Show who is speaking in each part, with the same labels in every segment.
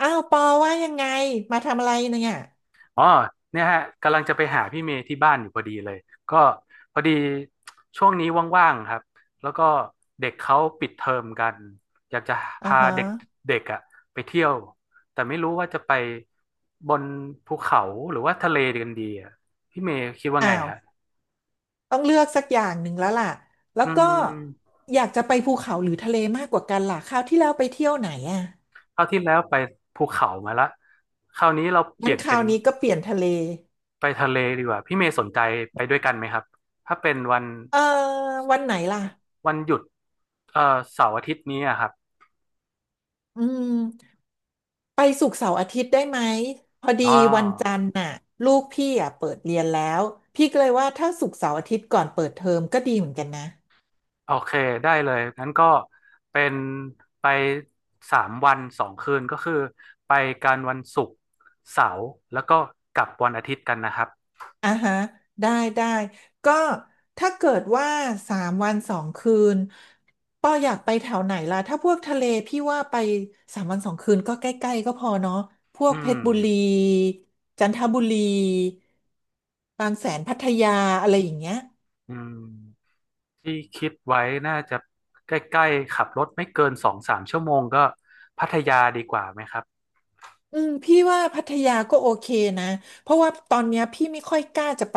Speaker 1: อ้าวปอว่ายังไงมาทำอะไรเนี่ย
Speaker 2: อ๋อเนี่ยฮะกำลังจะไปหาพี่เมย์ที่บ้านอยู่พอดีเลยก็พอดีช่วงนี้ว่างๆครับแล้วก็เด็กเขาปิดเทอมกันอยากจะ
Speaker 1: อ่า
Speaker 2: พา
Speaker 1: ฮะ
Speaker 2: เด็กเด็กอะไปเที่ยวแต่ไม่รู้ว่าจะไปบนภูเขาหรือว่าทะเลกันดีอะพี่เมย์คิดว่าไง
Speaker 1: อ้าว
Speaker 2: ฮะ
Speaker 1: ต้องเลือกสักอย่างหนึ่งแล้วล่ะแล้ว
Speaker 2: อื
Speaker 1: ก็
Speaker 2: ม
Speaker 1: อยากจะไปภูเขาหรือทะเลมากกว่ากันล่ะคราวที่แล้วไปเที่ยวไหนอ่ะ
Speaker 2: คราวที่แล้วไปภูเขามาละคราวนี้เราเป
Speaker 1: งั้
Speaker 2: ลี่
Speaker 1: น
Speaker 2: ยน
Speaker 1: ครา
Speaker 2: เป็น
Speaker 1: วนี้ก็เปลี่ยนทะเล
Speaker 2: ไปทะเลดีกว่าพี่เมย์สนใจไปด้วยกันไหมครับถ้าเป็นวัน
Speaker 1: เออวันไหนล่ะ
Speaker 2: วันหยุดเอ่อเสาร์อาทิตย์นี้อะครับ
Speaker 1: อืมไปศุกร์เสาร์อาทิตย์ได้ไหมพอดี
Speaker 2: อ๋อ
Speaker 1: วันจันทร์น่ะลูกพี่อ่ะเปิดเรียนแล้วพี่ก็เลยว่าถ้าศุกร์เสาร์อาทิตย์ก่อนเปิดเทอมก็ดีเหมือนกันนะ
Speaker 2: โอเคได้เลย งั้นก็เป็นไปสามวันสองคืนก็คือไปกันวันศุกร์เสาร์แล้วก็กลับวันอาทิตย์กันนะครับ
Speaker 1: อ่าฮะได้ได้ก็ถ้าเกิดว่าสามวันสองคืนปออยากไปแถวไหนล่ะถ้าพวกทะเลพี่ว่าไปสามวันสองคืนก็ใกล้ๆก็พอเนาะพว
Speaker 2: อื
Speaker 1: กเพช
Speaker 2: ม
Speaker 1: รบุรีจันทบุรีบางแสนพัทยาอะไรอย่างเงี้ย
Speaker 2: อืมที่คิดไว้น่าจะใกล้ๆขับรถไม่เกินสองสามชั่วโมงก็พัทยาดีกว่าไหมครับ
Speaker 1: อืมพี่ว่าพัทยาก็โอเคนะเพราะว่าตอนเนี้ยพี่ไม่ค่อยกล้าจะไป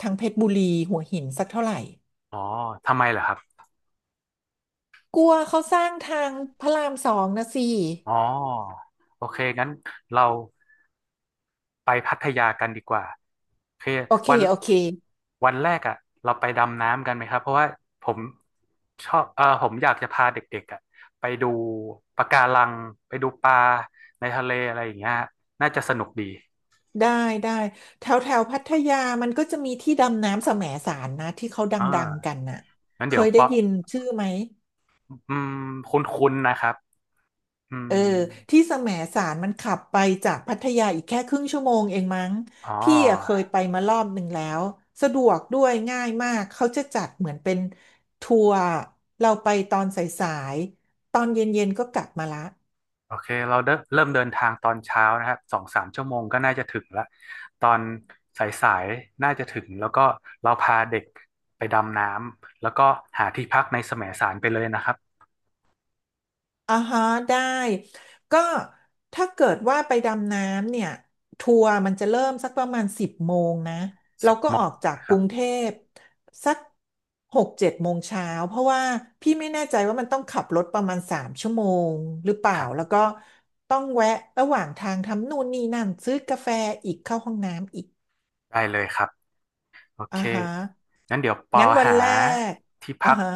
Speaker 1: ทางเพชรบุรีหัวหินสักเท่าไหร่
Speaker 2: อ๋อทำไมเหรอครับ
Speaker 1: กลัวเขาสร้างทางพระราม 2นะสิ
Speaker 2: อ๋อโอเค งั้นเรา ไปพัทยากันดีกว่าโอเค
Speaker 1: โอเค
Speaker 2: วัน
Speaker 1: โอเค
Speaker 2: วันแรกอ่ะเราไปดำน้ำกันไหมครับเพราะว่าผมชอบเออผมอยากจะพาเด็กๆอ่ะไปดูปะการังไปดูปลาในทะเลอะไรอย่างเงี้ยน่าจะสนุกดี
Speaker 1: ได้ได้แถวแถวพัทยามันก็จะมีที่ดำน้ำแสมสารนะที่เขาด
Speaker 2: อ่
Speaker 1: ังๆกัน
Speaker 2: า
Speaker 1: น่ะ
Speaker 2: งั้น
Speaker 1: เค
Speaker 2: เดี๋ยว
Speaker 1: ยได้
Speaker 2: เปาะ
Speaker 1: ยินชื่อไหม
Speaker 2: อืมคุ้นๆนะครับอืม
Speaker 1: เออที่แสมสารมันขับไปจากพัทยาอีกแค่ครึ่ง ชม.เองมั้ง
Speaker 2: อ๋
Speaker 1: พี่อะเค
Speaker 2: อ
Speaker 1: ยไปมารอบหนึ่งแล้วสะดวกด้วยง่ายมากเขาจะจัดเหมือนเป็นทัวร์เราไปตอนสายๆตอนเย็นๆก็กลับมาละ
Speaker 2: โอเคเราเริ่มเดินทางตอนเช้านะครับสองสามชั่วโมงก็น่าจะถึงละตอนสายๆน่าจะถึงแล้วก็เราพาเด็กไปดำน้ำแล้วก็หาที่พักในแสมสารไปเลยนะครับ
Speaker 1: อ่าฮะได้ก็ถ้าเกิดว่าไปดำน้ำเนี่ยทัวร์มันจะเริ่มสักประมาณ10 โมงนะเรา
Speaker 2: สิบ
Speaker 1: ก็
Speaker 2: โม
Speaker 1: ออ
Speaker 2: ง
Speaker 1: กจาก
Speaker 2: นะค
Speaker 1: ก
Speaker 2: รั
Speaker 1: รุ
Speaker 2: บ
Speaker 1: งเทพสัก6-7 โมงเช้าเพราะว่าพี่ไม่แน่ใจว่ามันต้องขับรถประมาณ3 ชั่วโมงหรือเป
Speaker 2: ค
Speaker 1: ล่า
Speaker 2: รั
Speaker 1: แล้
Speaker 2: บ
Speaker 1: วก็ต้องแวะระหว่างทางทำนู่นนี่นั่นซื้อกาแฟอีกเข้าห้องน้ำอีก
Speaker 2: ได้เลยครับโอ
Speaker 1: อ่า
Speaker 2: เค
Speaker 1: ฮะ
Speaker 2: งั้นเดี๋ยวปอ
Speaker 1: งั้นวัน
Speaker 2: หา
Speaker 1: แรก
Speaker 2: ที่
Speaker 1: อ่า
Speaker 2: พัก
Speaker 1: ฮะ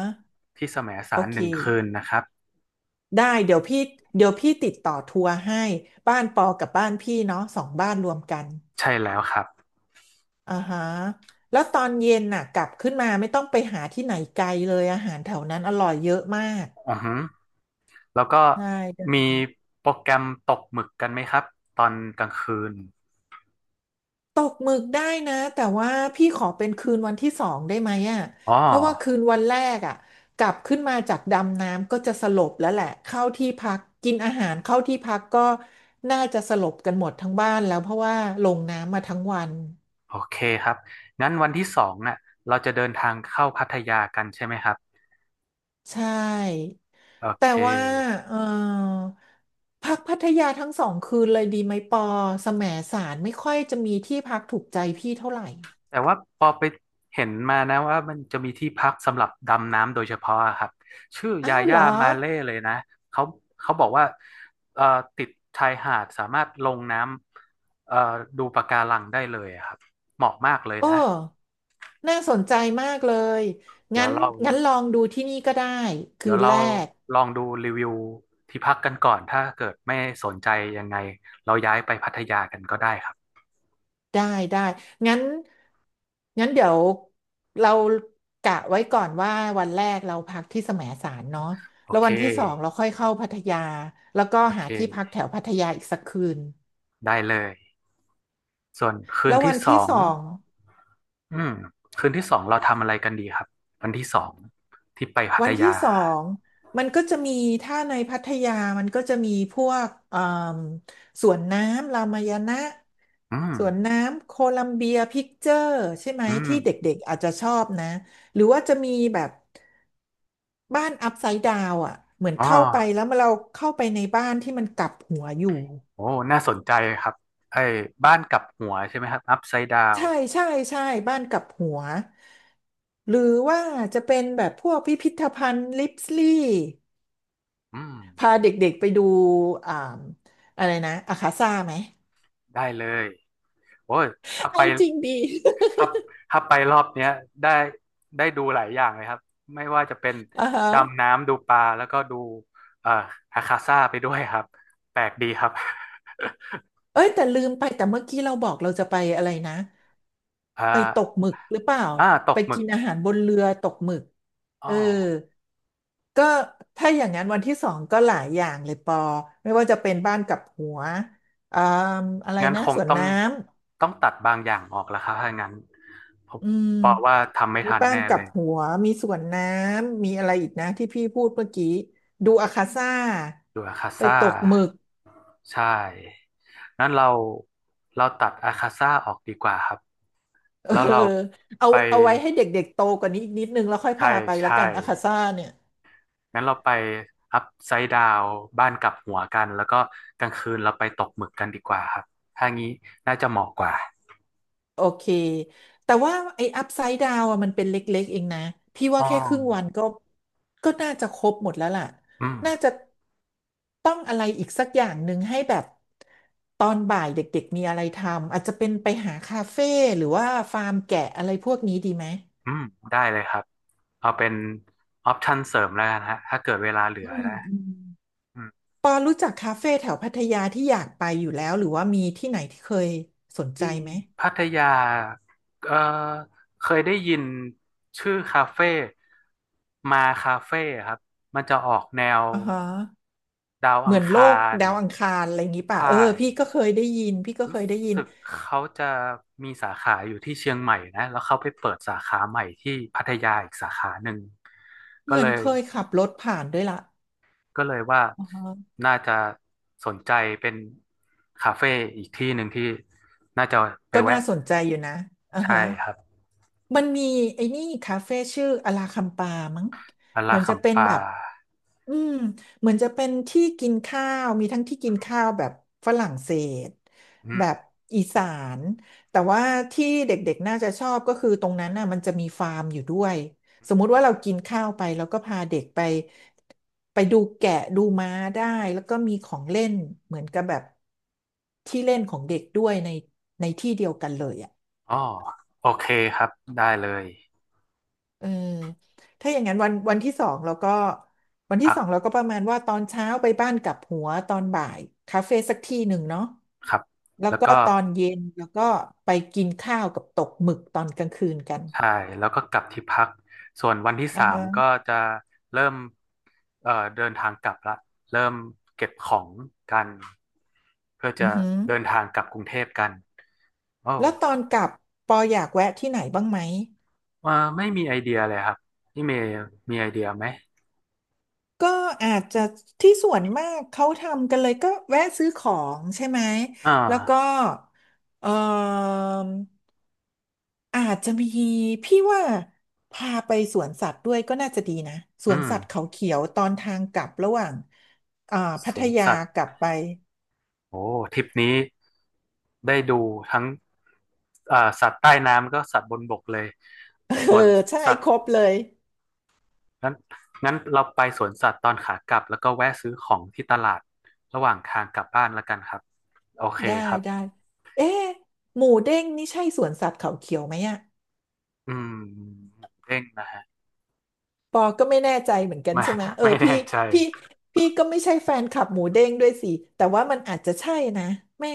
Speaker 2: ที่แสมสา
Speaker 1: โอ
Speaker 2: ร
Speaker 1: เค
Speaker 2: หนึ่งคืนนะครับ
Speaker 1: ได้เดี๋ยวพี่ติดต่อทัวร์ให้บ้านปอกับบ้านพี่เนาะสองบ้านรวมกัน
Speaker 2: ใช่แล้วครับ
Speaker 1: อ่าฮะแล้วตอนเย็นน่ะกลับขึ้นมาไม่ต้องไปหาที่ไหนไกลเลยอาหารแถวนั้นอร่อยเยอะมาก
Speaker 2: อือฮึแล้วก็
Speaker 1: ได้ได้
Speaker 2: มีโปรแกรมตกหมึกกันไหมครับตอนกลางคืน
Speaker 1: ตกหมึกได้นะแต่ว่าพี่ขอเป็นคืนวันที่ 2ได้ไหมอ่ะ
Speaker 2: อ๋อ
Speaker 1: เพราะว่าคืนวันแรกอ่ะกลับขึ้นมาจากดำน้ำก็จะสลบแล้วแหละเข้าที่พักกินอาหารเข้าที่พักก็น่าจะสลบกันหมดทั้งบ้านแล้วเพราะว่าลงน้ำมาทั้งวัน
Speaker 2: โอเคครับงั้นวันที่สองน่ะเราจะเดินทางเข้าพัทยากันใช่ไหมครับ
Speaker 1: ใช่
Speaker 2: โอ
Speaker 1: แต่
Speaker 2: เค
Speaker 1: ว่าเออพักพัทยาทั้งสองคืนเลยดีไหมปอแสมสารไม่ค่อยจะมีที่พักถูกใจพี่เท่าไหร่
Speaker 2: แต่ว่าพอไปเห็นมานะว่ามันจะมีที่พักสำหรับดำน้ำโดยเฉพาะอะครับชื่อ
Speaker 1: อ้า
Speaker 2: ยา
Speaker 1: วเหร
Speaker 2: ย่า
Speaker 1: อ
Speaker 2: มาเล่เลยนะเขาเขาบอกว่าเอ่อติดชายหาดสามารถลงน้ำดูปะการังได้เลยอะครับ เหมาะมากเลย
Speaker 1: โอ้
Speaker 2: นะ
Speaker 1: น่าสนใจมากเลย
Speaker 2: เดี๋ย
Speaker 1: งั้
Speaker 2: ว
Speaker 1: น
Speaker 2: เรา
Speaker 1: ลองดูที่นี่ก็ได้คื
Speaker 2: เดี๋ยว
Speaker 1: น
Speaker 2: เรา
Speaker 1: แรก
Speaker 2: ลองดูรีวิวที่พักกันก่อนถ้าเกิดไม่สนใจยังไงเราย้ายไปพัทยากันก็ได้ครับ
Speaker 1: ได้ได้งั้นเดี๋ยวเรากะไว้ก่อนว่าวันแรกเราพักที่แสมสารเนาะ
Speaker 2: โอ
Speaker 1: แล้ว
Speaker 2: เค
Speaker 1: วันที่สองเราค่อยเข้าพัทยาแล้วก็
Speaker 2: โอเ
Speaker 1: หาที่พัก
Speaker 2: ค
Speaker 1: แถวพัทยาอีกสักคืน
Speaker 2: ได้เลย ส่วนคื
Speaker 1: แล้
Speaker 2: น
Speaker 1: ว
Speaker 2: ที่
Speaker 1: วัน
Speaker 2: สอ
Speaker 1: ที่
Speaker 2: ง
Speaker 1: สอง
Speaker 2: อืมคืนที่สองเราทำอะไรกันดีครับวันที่สองที่ไปพั
Speaker 1: วั
Speaker 2: ท
Speaker 1: นที่
Speaker 2: ยา
Speaker 1: สองมันก็จะมีถ้าในพัทยามันก็จะมีพวกเอ่มสวนน้ำรามายณะ
Speaker 2: อืม
Speaker 1: สวนน้ำโคลัมเบียพิกเจอร์ใช่ไหม
Speaker 2: อืม
Speaker 1: ที่เด็กๆอาจจะชอบนะหรือว่าจะมีแบบ บ้านอัพไซด์ดาวอ่ะเหมือน
Speaker 2: อ๋อ
Speaker 1: เข้าไปแล้วเราเข้าไปในบ้านที่มันกลับหัวอยู่
Speaker 2: โอ้น่าสนใจครับไอ้บ้านกลับหัวใช่ไหมครับอัพไซด์ดาว
Speaker 1: ใช่ใช่ใช่บ้านกลับหัวหรือว่าจะเป็นแบบพวกพิพิธภัณฑ์ลิปสลีย์
Speaker 2: อืม
Speaker 1: พาเด็กๆไปดูอ่าอะไรนะอาคาซ่าไหม
Speaker 2: ได้เลยโอ้ยถ้า ไป
Speaker 1: เอาจริงดี
Speaker 2: ถ้าถ้าไปรอบเนี้ยได้ได้ดูหลายอย่างเลยครับไม่ว่าจะเป็น
Speaker 1: อ่าฮะ
Speaker 2: ดำน้ำดูปลาแล้วก็ดูเอ่ออาคาซ่าไปด้วยครับแปลกดีครับ
Speaker 1: เอ้ยแต่ลืมไปแต่เมื่อกี้เราบอกเราจะไปอะไรนะ
Speaker 2: อ่า
Speaker 1: ไปตกหมึกหรือเปล่า
Speaker 2: อ่าต
Speaker 1: ไป
Speaker 2: กหมึ
Speaker 1: กิ
Speaker 2: ก
Speaker 1: นอาหารบนเรือตกหมึก
Speaker 2: อ๋
Speaker 1: เอ
Speaker 2: อ
Speaker 1: อก็ถ้าอย่างนั้นวันที่สองก็หลายอย่างเลยปอไม่ว่าจะเป็นบ้านกับหัวอ่าอะไร
Speaker 2: งั้น
Speaker 1: นะ
Speaker 2: คง
Speaker 1: สวน
Speaker 2: ต้อง
Speaker 1: น้
Speaker 2: ต้องตัดบางอย่างออกแล้วครับถ้างั้นผม
Speaker 1: ำอืม
Speaker 2: เพราะว่าทำไม่
Speaker 1: มี
Speaker 2: ทัน
Speaker 1: บ้าน
Speaker 2: แน่
Speaker 1: กั
Speaker 2: เล
Speaker 1: บ
Speaker 2: ย
Speaker 1: หัวมีสวนน้ำมีอะไรอีกนะที่พี่พูดเมื่อกี้ดูอาคาซ่า
Speaker 2: ดูอาคา
Speaker 1: ไป
Speaker 2: ซ่า
Speaker 1: ตกหมึก
Speaker 2: ใช่นั้นเราตัดอาคาซ่าออกดีกว่าครับ
Speaker 1: เออ
Speaker 2: แล้วเราไป
Speaker 1: เอาไว้ให้เด็กๆโตกว่านี้อีกนิดนึงแล้วค่อย
Speaker 2: ใช่
Speaker 1: พาไปละ
Speaker 2: ใช่
Speaker 1: กันอาคาซ่าเนี่ย
Speaker 2: งั้นเราไปอัพไซด์ดาวบ้านกลับหัวกันแล้วก็กลางคืนเราไปตกหมึกกันดีกว่าครับถ้างี้น่าจะเหมาะกว่า
Speaker 1: โอเค แต่ว่าไอ้อัพไซด์ดาวอะมันเป็นเล็กๆเองนะ พี่ว่า
Speaker 2: อ๋อ
Speaker 1: แค่ครึ่งวันก็ก็น่าจะครบหมดแล้วล่ะ
Speaker 2: อืม
Speaker 1: น่าจะต้องอะไรอีกสักอย่างหนึ่งให้แบบตอนบ่ายเด็กๆมีอะไรทำ อาจจะเป็นไปหาคาเฟ่หรือว่าฟาร์มแกะอะไรพวกนี้ดีไหม
Speaker 2: อืมได้เลยครับ เอาเป็นออปชันเสริมแล้วกันฮะถ้าเกิดเวลาเหลื
Speaker 1: อื
Speaker 2: อ
Speaker 1: ม
Speaker 2: นะ
Speaker 1: อืม
Speaker 2: อืม
Speaker 1: ปอรู้จักคาเฟ่แถวพัทยาที่อยากไปอยู่แล้วหรือว่ามีที่ไหนที่เคยสนใจ
Speaker 2: ที่
Speaker 1: ไหม
Speaker 2: พัทยาเอ่อเคยได้ยินชื่อคาเฟ่มาคาเฟ่ครับ มันจะออกแนว
Speaker 1: อ่าฮะ
Speaker 2: ดาว
Speaker 1: เห
Speaker 2: อั
Speaker 1: มื
Speaker 2: ง
Speaker 1: อน
Speaker 2: ค
Speaker 1: โลก
Speaker 2: าร
Speaker 1: ดาวอังคารอะไรอย่างนี้
Speaker 2: ไท
Speaker 1: ป่ะ
Speaker 2: ย
Speaker 1: เออพี่ก็เคยได้ยินพี่ก็เค
Speaker 2: รู้
Speaker 1: ยได้ยิน
Speaker 2: สึกเขาจะมีสาขาอยู่ที่เชียงใหม่นะ แล้วเขาไปเปิดสาขาใหม่ที่พัทยาอีกสาขาหนึ่ง
Speaker 1: เห
Speaker 2: ก็
Speaker 1: มือ
Speaker 2: เล
Speaker 1: น
Speaker 2: ย
Speaker 1: เคยขับรถผ่านด้วยล่ะ
Speaker 2: ก็เลยว่า
Speaker 1: อ่าฮะ
Speaker 2: น่าจะสนใจเป็นคาเฟ่อีกที่หนึ่งที่น่าจะไป
Speaker 1: ก็น่า
Speaker 2: แวะ
Speaker 1: สนใจอยู่นะอ่า
Speaker 2: ใช่
Speaker 1: ฮะ
Speaker 2: ครับ
Speaker 1: มันมีไอ้นี่คาเฟ่ชื่ออลาคัมปามั้ง
Speaker 2: อา
Speaker 1: เห
Speaker 2: รา
Speaker 1: มือน
Speaker 2: คั
Speaker 1: จะ
Speaker 2: ม
Speaker 1: เป็น
Speaker 2: ปา
Speaker 1: แบบ อืมเหมือนจะเป็นที่กินข้าวมีทั้งที่กินข้าวแบบฝรั่งเศส
Speaker 2: อื
Speaker 1: แบบ
Speaker 2: ม
Speaker 1: อีสานแต่ว่าที่เด็กๆน่าจะชอบก็คือตรงนั้นน่ะมันจะมีฟาร์มอยู่ด้วยสมมุติว่าเรากินข้าวไปแล้วก็พาเด็กไปดูแกะดูม้าได้แล้วก็มีของเล่นเหมือนกับแบบที่เล่นของเด็กด้วยในที่เดียวกันเลยอ่ะ
Speaker 2: อ๋อโอเคครับได้เลย
Speaker 1: เออถ้าอย่างนั้นวันที่สองเราก็วันที่
Speaker 2: พัก
Speaker 1: สองเราก็ประมาณว่าตอนเช้าไปบ้านกลับหัวตอนบ่ายคาเฟ่สักที่หนึ่งเนาะ
Speaker 2: ครับ
Speaker 1: แล้ว
Speaker 2: แล้ว
Speaker 1: ก็
Speaker 2: ก็
Speaker 1: ตอนเย็นแล้วก็ไปกินข้าวกับตกหมึกตอนกลางคืนกัน
Speaker 2: ใช่แล้วก็กลับที่พักส่วนวันที่
Speaker 1: อ่า
Speaker 2: สามก็
Speaker 1: ฮะ
Speaker 2: จะเริ่มเดินทางกลับละเริ่มเก็บของกันเพื่อ
Speaker 1: อื
Speaker 2: จะ
Speaker 1: อฮึ
Speaker 2: เดินทางกลับกรุงเทพกันโอ้
Speaker 1: แล้วตอนกลับปออยากแวะที่ไหนบ้างไหม
Speaker 2: ว่าไม่มีไอเดียเลยครับพี่เมย์มีไอเดียไหม
Speaker 1: ก็อาจจะที่ส่วนมากเขาทำกันเลยก็แวะซื้อของใช่ไหม
Speaker 2: อ่า
Speaker 1: แล้วก็เอ่อ อาจจะมีพี่ว่าพาไปสวนสัตว์ด้วยก็น่าจะดีนะส
Speaker 2: อื
Speaker 1: วน
Speaker 2: ม
Speaker 1: สัตว์เขาเขียวตอนทางกลับระหว่างอ่า
Speaker 2: ส
Speaker 1: พัท
Speaker 2: วน
Speaker 1: ยา
Speaker 2: สัตว์
Speaker 1: กลับไป
Speaker 2: โอ้ทริปนี้ได้ดูทั้งสัตว์ใต้น้ำก็สัตว์บนบกเลย
Speaker 1: เอ
Speaker 2: ส่
Speaker 1: อ
Speaker 2: วน
Speaker 1: ใช่
Speaker 2: สัต
Speaker 1: ค
Speaker 2: ว์
Speaker 1: รบเลย
Speaker 2: งั้นงั้นเราไปสวนสัตว์ตอนขากลับแล้วก็แวะซื้อของที่ตลาดระหว่างทางกลับบ้านแล้วกันครับโอเค
Speaker 1: ได้
Speaker 2: ครับ
Speaker 1: ได้เอ๊ะหมูเด้งนี่ใช่สวนสัตว์เขาเขียวไหมอะ
Speaker 2: อืมเด้งนะฮะ
Speaker 1: ปอก็ไม่แน่ใจเหมือนกัน
Speaker 2: ไม่
Speaker 1: ใช่ไหมเออ
Speaker 2: ไม่แน่
Speaker 1: พี่
Speaker 2: ใจ
Speaker 1: พี่พี่ก็ไม่ใช่แฟนคลับหมูเด้งด้วยสิแต่ว่ามันอาจจะใช่นะไม่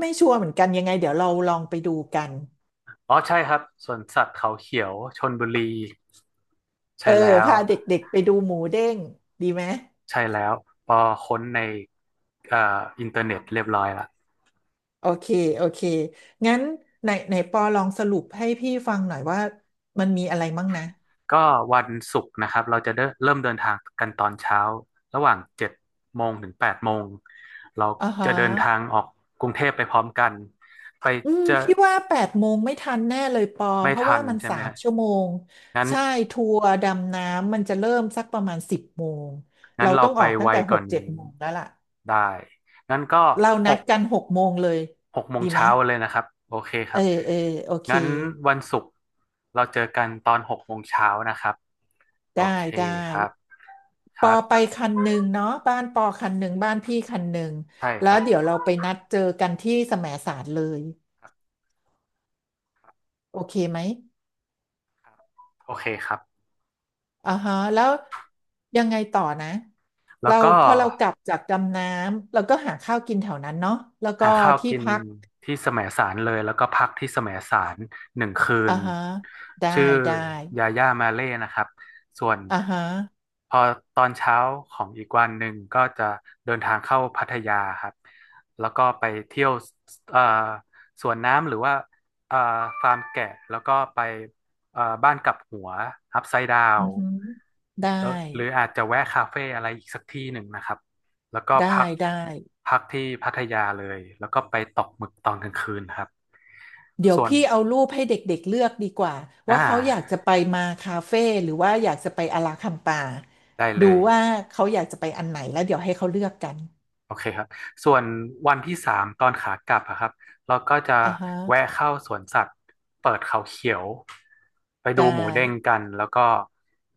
Speaker 1: ไม่ชัวร์เหมือนกันยังไงเดี๋ยวเราลองไปดูกัน
Speaker 2: อ๋อใช่ครับสวนสัตว์เขาเขียวชลบุรีใช่
Speaker 1: เออ
Speaker 2: แล้ว
Speaker 1: พาเด็กๆไปดูหมูเด้งดีไหม
Speaker 2: ใช่แล้วพอค้นในเอ่ออินเทอร์เน็ตเรียบร้อยละ
Speaker 1: โอเคโอเค งั้นไหนไหนปอลองสรุปให้พี่ฟังหน่อยว่ามันมีอะไรมั่งนะ
Speaker 2: ก็วันศุกร์นะครับเราจะเริ่มเดินทางกันตอนเช้าระหว่างเจ็ดโมงถึงแปดโมงเรา
Speaker 1: อ่าฮะ
Speaker 2: จะเดินทางออกกรุงเทพไปพร้อมกันไป
Speaker 1: อืม
Speaker 2: เจะ
Speaker 1: พี่ว่าแปดโมงไม่ทันแน่เลยปอ
Speaker 2: ไม่
Speaker 1: เพราะ
Speaker 2: ทั
Speaker 1: ว่า
Speaker 2: น
Speaker 1: มัน
Speaker 2: ใช่
Speaker 1: สา
Speaker 2: ไหม
Speaker 1: ม
Speaker 2: ฮะ
Speaker 1: ชั่วโมง
Speaker 2: งั้น
Speaker 1: ใช่ ทัวร์ดำน้ำมันจะเริ่มสักประมาณสิบโมง
Speaker 2: งั้
Speaker 1: เรา
Speaker 2: นเรา
Speaker 1: ต้อง
Speaker 2: ไป
Speaker 1: ออกตั้
Speaker 2: ไว
Speaker 1: งแต่
Speaker 2: ก
Speaker 1: ห
Speaker 2: ว่อ
Speaker 1: ก
Speaker 2: น
Speaker 1: เจ็ด
Speaker 2: นี้
Speaker 1: โมงแล้วล่ะ
Speaker 2: ได้งั้นก็
Speaker 1: เรา
Speaker 2: ห
Speaker 1: นัด
Speaker 2: ก
Speaker 1: กันหกโมงเลย
Speaker 2: หกโมง
Speaker 1: ดีไหม
Speaker 2: เช้าเลยนะครับโอเคค
Speaker 1: เอ
Speaker 2: รั
Speaker 1: อ
Speaker 2: บ
Speaker 1: เออโอเค
Speaker 2: งั้นวันศุกร์เราเจอกันตอนหกโมงเช้านะครับโอ
Speaker 1: ได้
Speaker 2: เค
Speaker 1: ได้
Speaker 2: ครับค
Speaker 1: ป
Speaker 2: รั
Speaker 1: อไป
Speaker 2: บ
Speaker 1: คันหนึ่งเนาะบ้านปอคันหนึ่งบ้านพี่คันหนึ่ง
Speaker 2: ใช่ค
Speaker 1: แล้
Speaker 2: รั
Speaker 1: ว
Speaker 2: บ
Speaker 1: เดี๋ยวเราไปนัดเจอกันที่แสมสารเลยโอเคไหม
Speaker 2: โอเคครับ
Speaker 1: อ่าฮะแล้วยังไงต่อนะ
Speaker 2: แล้ว
Speaker 1: เรา
Speaker 2: ก็
Speaker 1: พอเรากลับจากดำน้ำเราก็หาข้าวกินแถวนั้นเนาะแล้วก็
Speaker 2: หาข้าว
Speaker 1: ที่
Speaker 2: กิน
Speaker 1: พัก
Speaker 2: ที่แสมสารเลยแล้วก็พักที่แสมสารหนึ่งคื
Speaker 1: อ่า
Speaker 2: น
Speaker 1: ฮะได้
Speaker 2: ชื่อ
Speaker 1: ได้
Speaker 2: ยาย่ามาเล่นะครับส่วน
Speaker 1: อ่าฮะ
Speaker 2: พอตอนเช้าของอีกวันหนึ่งก็จะเดินทางเข้าพัทยาครับแล้วก็ไปเที่ยวเอ่อสวนน้ำหรือว่าเอ่อฟาร์มแกะแล้วก็ไปบ้านกลับหัวอัพไซด์ดา
Speaker 1: อื
Speaker 2: ว
Speaker 1: อฮึได้
Speaker 2: แล้วหรืออาจจะแวะคาเฟ่อะไรอีกสักที่หนึ่งนะครับ แล้วก็
Speaker 1: ได้
Speaker 2: พัก
Speaker 1: ได้
Speaker 2: พักที่พัทยาเลยแล้วก็ไปตกหมึกตอนกลางคืนครับ
Speaker 1: เดี๋ยว
Speaker 2: ส่วน
Speaker 1: พี่เอารูปให้เด็กๆเลือกดีกว่า
Speaker 2: อ่า
Speaker 1: ว่าเขาอยากจะไปมาคาเฟ่หรือว่าอยากจะไปอาราคัมปา
Speaker 2: ได้เล
Speaker 1: ดู
Speaker 2: ย
Speaker 1: ว่าเขาอยากจะไปอันไหนแล้วเดี๋ยวให้เขาเลือกกัน
Speaker 2: โอเคครับส่วนวันที่สามตอนขากลับอะครับเราก็จะ
Speaker 1: อ่าฮะ
Speaker 2: แวะเข้าสวนสัตว์เปิดเขาเขียวไปดู
Speaker 1: ได้
Speaker 2: หมูเด้งกันแล้วก็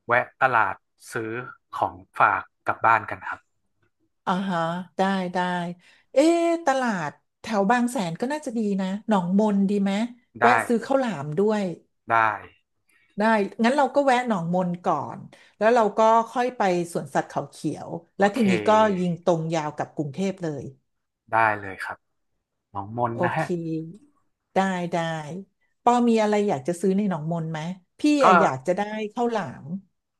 Speaker 2: แวะตลาดซื้อของฝากกลับบ้านกันครับ
Speaker 1: อ่าฮะได้ได้เอ๊ะตลาดแถวบางแสนก็น่าจะดีนะหนองมนดีไหม
Speaker 2: ได้
Speaker 1: แวะซื้อข้าวหลามด้วย
Speaker 2: ได้
Speaker 1: ได้งั้นเราก็แวะหนองมนก่อนแล้วเราก็ค่อยไปสวนสัตว์เขาเขียว
Speaker 2: โอ
Speaker 1: และ
Speaker 2: เค
Speaker 1: ทีนี้ก็ยิงตรงยาวกับกรุงเทพเลย
Speaker 2: ได้เลยครับน้องมน
Speaker 1: โอ
Speaker 2: นะ
Speaker 1: เค
Speaker 2: ฮะ
Speaker 1: ได้ได้ปอมีอะไรอยากจะซื้อในหนองมนไหมพี่
Speaker 2: ก็
Speaker 1: อะอยากจะได้ข้าวหลาม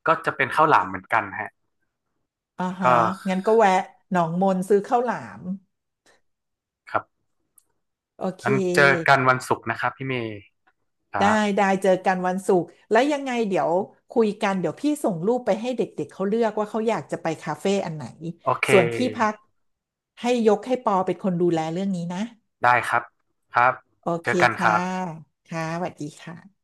Speaker 2: ก็จะเป็นข้าวหลามเหมือนกันฮะ
Speaker 1: อ่าฮะ
Speaker 2: ก็
Speaker 1: งั้นก็แวะหนองมนซื้อข้าวหลาม
Speaker 2: ครับ
Speaker 1: โอเค
Speaker 2: งั้นเจอกันวันศุกร์นะครับพี่เมย์ครั
Speaker 1: ได้
Speaker 2: บ
Speaker 1: ได้เจอกันวันศุกร์แล้วยังไงเดี๋ยวคุยกันเดี๋ยวพี่ส่งรูปไปให้เด็กๆเขาเลือกว่าเขาอยากจะไปคาเฟ่อันไหน
Speaker 2: โอเค
Speaker 1: ส่วนที่พักให้ยกให้ปอเป็นคนดูแลเรื่องนี้นะ
Speaker 2: ได้ครับครับ
Speaker 1: โอ
Speaker 2: เจ
Speaker 1: เค
Speaker 2: อกันค
Speaker 1: ค่ะ
Speaker 2: รับ
Speaker 1: ค่ะสวัสดีค่ะ